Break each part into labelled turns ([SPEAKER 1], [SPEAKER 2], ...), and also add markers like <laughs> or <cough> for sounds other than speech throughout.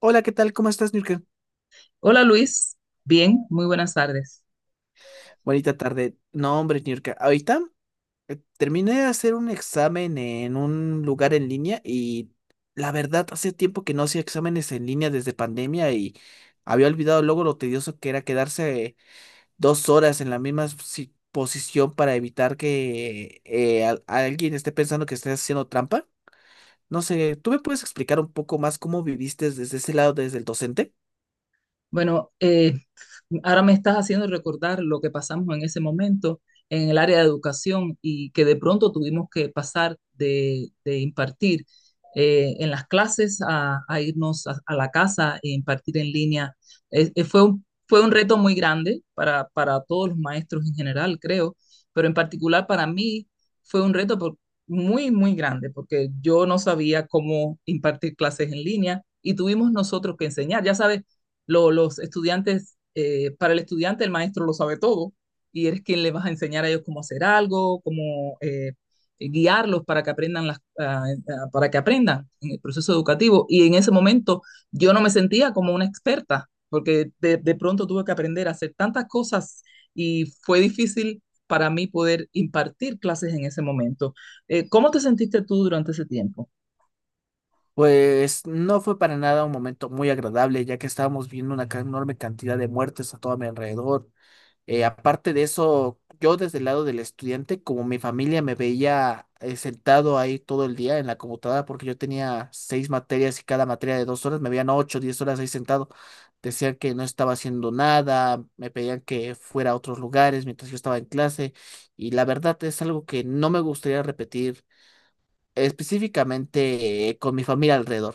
[SPEAKER 1] Hola, ¿qué tal? ¿Cómo estás, Nurka?
[SPEAKER 2] Hola Luis, bien, muy buenas tardes.
[SPEAKER 1] Bonita tarde. No, hombre, Nurka. Ahorita terminé de hacer un examen en un lugar en línea y la verdad, hace tiempo que no hacía exámenes en línea desde pandemia y había olvidado luego lo tedioso que era quedarse 2 horas en la misma posición para evitar que alguien esté pensando que estés haciendo trampa. No sé, ¿tú me puedes explicar un poco más cómo viviste desde ese lado, desde el docente?
[SPEAKER 2] Bueno, ahora me estás haciendo recordar lo que pasamos en ese momento en el área de educación y que de pronto tuvimos que pasar de impartir en las clases a irnos a, la casa e impartir en línea. Fue un reto muy grande para todos los maestros en general, creo, pero en particular para mí fue un reto muy grande porque yo no sabía cómo impartir clases en línea y tuvimos nosotros que enseñar. Ya sabes, los estudiantes, para el estudiante el maestro lo sabe todo y eres quien le vas a enseñar a ellos cómo hacer algo, cómo guiarlos para que aprendan para que aprendan en el proceso educativo. Y en ese momento yo no me sentía como una experta, porque de pronto tuve que aprender a hacer tantas cosas y fue difícil para mí poder impartir clases en ese momento. ¿Cómo te sentiste tú durante ese tiempo?
[SPEAKER 1] Pues no fue para nada un momento muy agradable, ya que estábamos viendo una enorme cantidad de muertes a todo mi alrededor. Aparte de eso, yo desde el lado del estudiante, como mi familia me veía sentado ahí todo el día en la computadora, porque yo tenía seis materias y cada materia de 2 horas, me veían 8, 10 horas ahí sentado. Decían que no estaba haciendo nada, me pedían que fuera a otros lugares mientras yo estaba en clase, y la verdad es algo que no me gustaría repetir, específicamente con mi familia alrededor.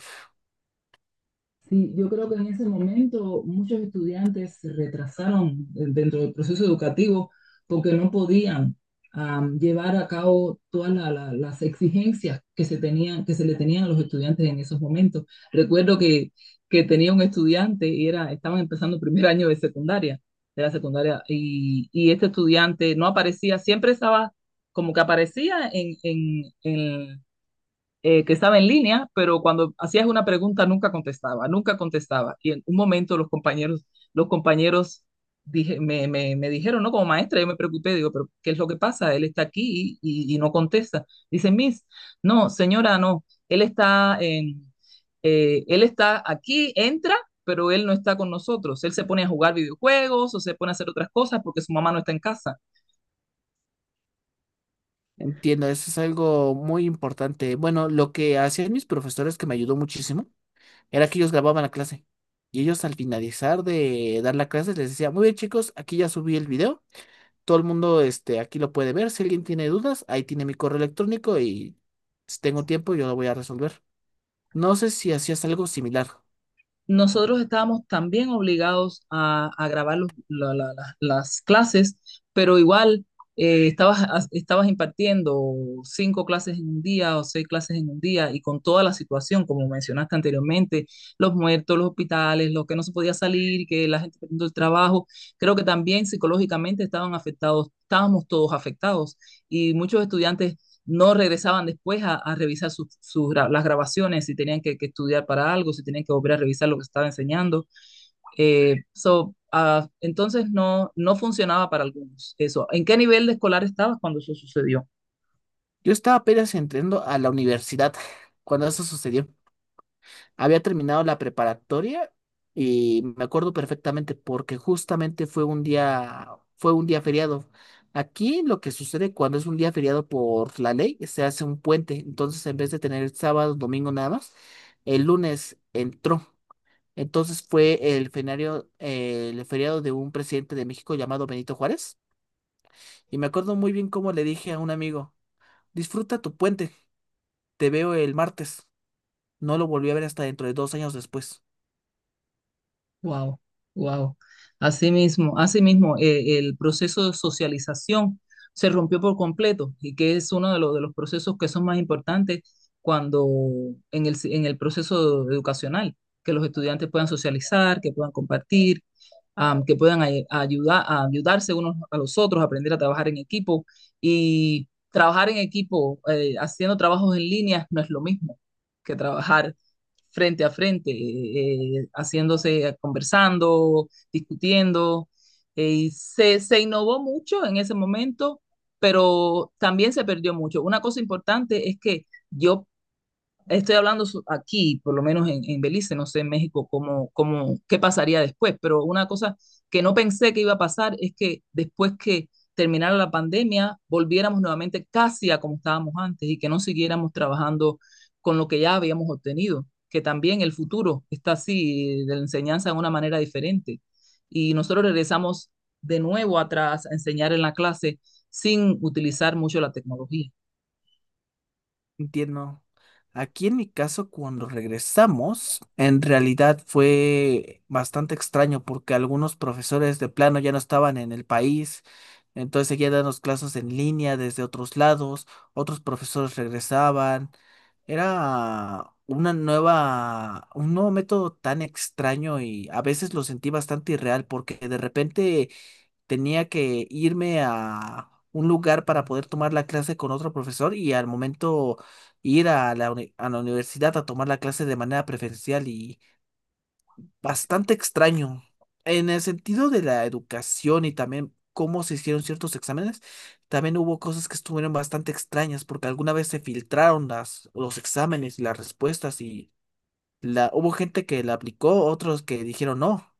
[SPEAKER 2] Sí, yo creo que en ese momento muchos estudiantes se retrasaron dentro del proceso educativo porque no podían llevar a cabo todas las exigencias que se tenían, que se le tenían a los estudiantes en esos momentos. Recuerdo que tenía un estudiante y era, estaban empezando el primer año de secundaria, de la secundaria, y este estudiante no aparecía, siempre estaba como que aparecía en, que estaba en línea, pero cuando hacías una pregunta nunca contestaba, nunca contestaba. Y en un momento los compañeros dije, me dijeron, ¿no? Como maestra, yo me preocupé, digo, pero ¿qué es lo que pasa? Él está aquí y no contesta. Dice, Miss, no, señora, no, él está aquí, entra pero él no está con nosotros. Él se pone a jugar videojuegos o se pone a hacer otras cosas porque su mamá no está en casa.
[SPEAKER 1] Entiendo, eso es algo muy importante. Bueno, lo que hacían mis profesores que me ayudó muchísimo era que ellos grababan la clase y ellos al finalizar de dar la clase les decía, muy bien chicos, aquí ya subí el video, todo el mundo este, aquí lo puede ver, si alguien tiene dudas, ahí tiene mi correo electrónico y si tengo tiempo yo lo voy a resolver. No sé si hacías algo similar.
[SPEAKER 2] Nosotros estábamos también obligados a grabar las clases, pero igual estabas impartiendo cinco clases en un día o seis clases en un día y con toda la situación, como mencionaste anteriormente, los muertos, los hospitales, los que no se podía salir, que la gente perdiendo el trabajo, creo que también psicológicamente estaban afectados, estábamos todos afectados y muchos estudiantes no regresaban después a revisar las grabaciones, si tenían que estudiar para algo, si tenían que volver a revisar lo que estaba enseñando. Entonces no, no funcionaba para algunos eso. ¿En qué nivel de escolar estabas cuando eso sucedió?
[SPEAKER 1] Yo estaba apenas entrando a la universidad <laughs> cuando eso sucedió. Había terminado la preparatoria y me acuerdo perfectamente porque justamente fue un día feriado. Aquí lo que sucede cuando es un día feriado por la ley, se hace un puente. Entonces, en vez de tener el sábado, domingo nada más, el lunes entró. Entonces fue el el feriado de un presidente de México llamado Benito Juárez. Y me acuerdo muy bien cómo le dije a un amigo, disfruta tu puente, te veo el martes. No lo volví a ver hasta dentro de 2 años después.
[SPEAKER 2] Wow, wow. Así mismo, el proceso de socialización se rompió por completo y que es uno de los procesos que son más importantes cuando en el proceso educacional, que los estudiantes puedan socializar, que puedan compartir, que puedan ayudar, a ayudarse unos a los otros, aprender a trabajar en equipo y trabajar en equipo, haciendo trabajos en línea no es lo mismo que trabajar frente a frente, haciéndose, conversando, discutiendo. Y se innovó mucho en ese momento, pero también se perdió mucho. Una cosa importante es que yo estoy hablando aquí, por lo menos en Belice, no sé en México cómo, cómo, qué pasaría después, pero una cosa que no pensé que iba a pasar es que después que terminara la pandemia, volviéramos nuevamente casi a como estábamos antes y que no siguiéramos trabajando con lo que ya habíamos obtenido, que también el futuro está así, de la enseñanza de una manera diferente. Y nosotros regresamos de nuevo atrás a enseñar en la clase sin utilizar mucho la tecnología.
[SPEAKER 1] Entiendo. Aquí en mi caso, cuando regresamos, en realidad fue bastante extraño porque algunos profesores de plano ya no estaban en el país, entonces seguían dando clases en línea desde otros lados, otros profesores regresaban. Era una nueva, un nuevo método tan extraño y a veces lo sentí bastante irreal porque de repente tenía que irme a un lugar para poder tomar la clase con otro profesor y al momento ir a a la universidad a tomar la clase de manera preferencial y bastante extraño. En el sentido de la educación y también cómo se hicieron ciertos exámenes, también hubo cosas que estuvieron bastante extrañas porque alguna vez se filtraron las, los exámenes y las respuestas y la, hubo gente que la aplicó, otros que dijeron no.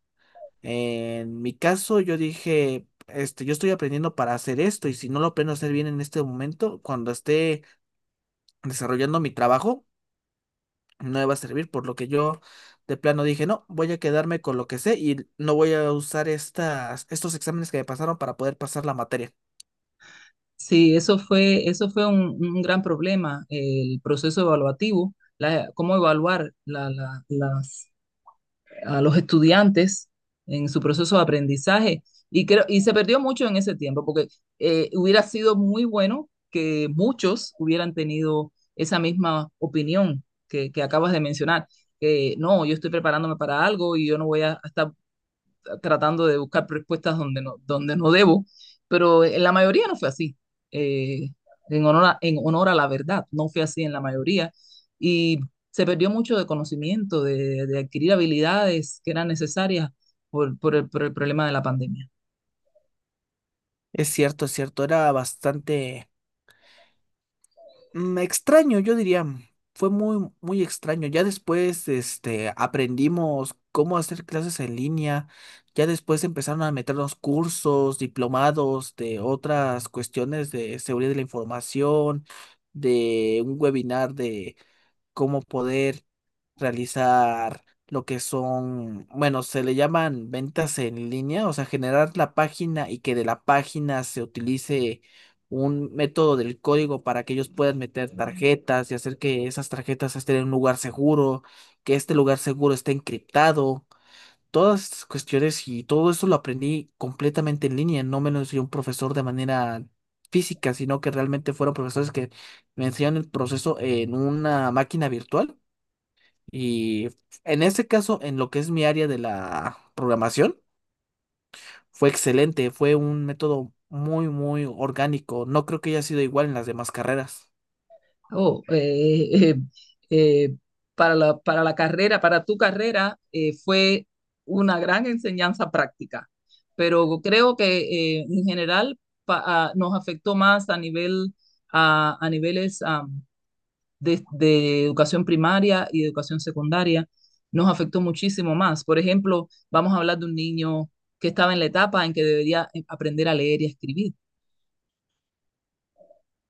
[SPEAKER 1] En mi caso, yo dije, este, yo estoy aprendiendo para hacer esto y si no lo aprendo a hacer bien en este momento, cuando esté desarrollando mi trabajo, no me va a servir, por lo que yo de plano dije, no, voy a quedarme con lo que sé y no voy a usar estos exámenes que me pasaron para poder pasar la materia.
[SPEAKER 2] Sí, eso fue un gran problema, el proceso evaluativo, cómo evaluar a los estudiantes en su proceso de aprendizaje. Y, creo, y se perdió mucho en ese tiempo, porque hubiera sido muy bueno que muchos hubieran tenido esa misma opinión que acabas de mencionar, que no, yo estoy preparándome para algo y yo no voy a estar tratando de buscar respuestas donde no debo, pero en la mayoría no fue así. Eh, Honor a, en honor a la verdad, no fue así en la mayoría. Y se perdió mucho de conocimiento, de adquirir habilidades que eran necesarias por el problema de la pandemia.
[SPEAKER 1] Es cierto, era bastante extraño, yo diría, fue muy, muy extraño. Ya después, este, aprendimos cómo hacer clases en línea. Ya después empezaron a meternos cursos, diplomados de otras cuestiones de seguridad de la información, de un webinar de cómo poder realizar lo que son, bueno, se le llaman ventas en línea, o sea, generar la página y que de la página se utilice un método del código para que ellos puedan meter tarjetas y hacer que esas tarjetas estén en un lugar seguro, que este lugar seguro esté encriptado. Todas estas cuestiones y todo eso lo aprendí completamente en línea, no me lo enseñó un profesor de manera física, sino que realmente fueron profesores que me enseñaron el proceso en una máquina virtual y en este caso, en lo que es mi área de la programación, fue excelente, fue un método muy, muy orgánico. No creo que haya sido igual en las demás carreras.
[SPEAKER 2] Oh, <laughs> eh, eh, para la carrera, para tu carrera, fue una gran enseñanza práctica, pero creo que en general nos afectó más a nivel, a niveles de educación primaria y educación secundaria, nos afectó muchísimo más. Por ejemplo, vamos a hablar de un niño que estaba en la etapa en que debería aprender a leer y a escribir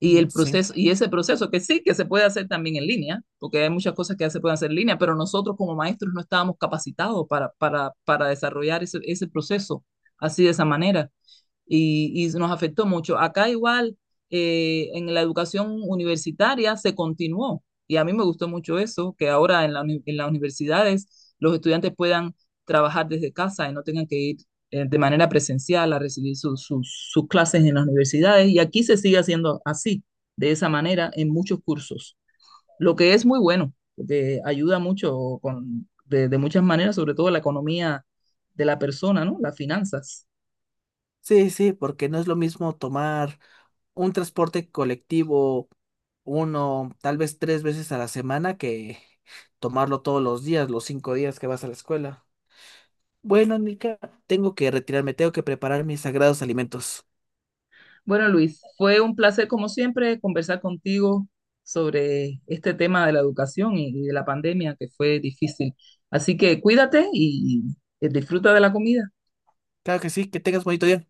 [SPEAKER 2] y
[SPEAKER 1] Mm,
[SPEAKER 2] el
[SPEAKER 1] sí.
[SPEAKER 2] proceso, y ese proceso que sí, que se puede hacer también en línea, porque hay muchas cosas que ya se pueden hacer en línea, pero nosotros como maestros no estábamos capacitados para desarrollar ese, ese proceso así de esa manera y nos afectó mucho. Acá igual, en la educación universitaria se continuó y a mí me gustó mucho eso, que ahora en las universidades los estudiantes puedan trabajar desde casa y no tengan que ir de manera presencial a recibir sus clases en las universidades. Y aquí se sigue haciendo así, de esa manera, en muchos cursos, lo que es muy bueno, porque ayuda mucho de muchas maneras, sobre todo la economía de la persona, ¿no? Las finanzas.
[SPEAKER 1] Sí, sí, porque no es lo mismo tomar un transporte colectivo uno, tal vez tres veces a la semana que tomarlo todos los días, los 5 días que vas a la escuela. Bueno, Nica, tengo que retirarme, tengo que preparar mis sagrados alimentos.
[SPEAKER 2] Bueno, Luis, fue un placer, como siempre, conversar contigo sobre este tema de la educación y de la pandemia que fue difícil. Así que cuídate y disfruta de la comida.
[SPEAKER 1] Claro que sí, que tengas bonito día.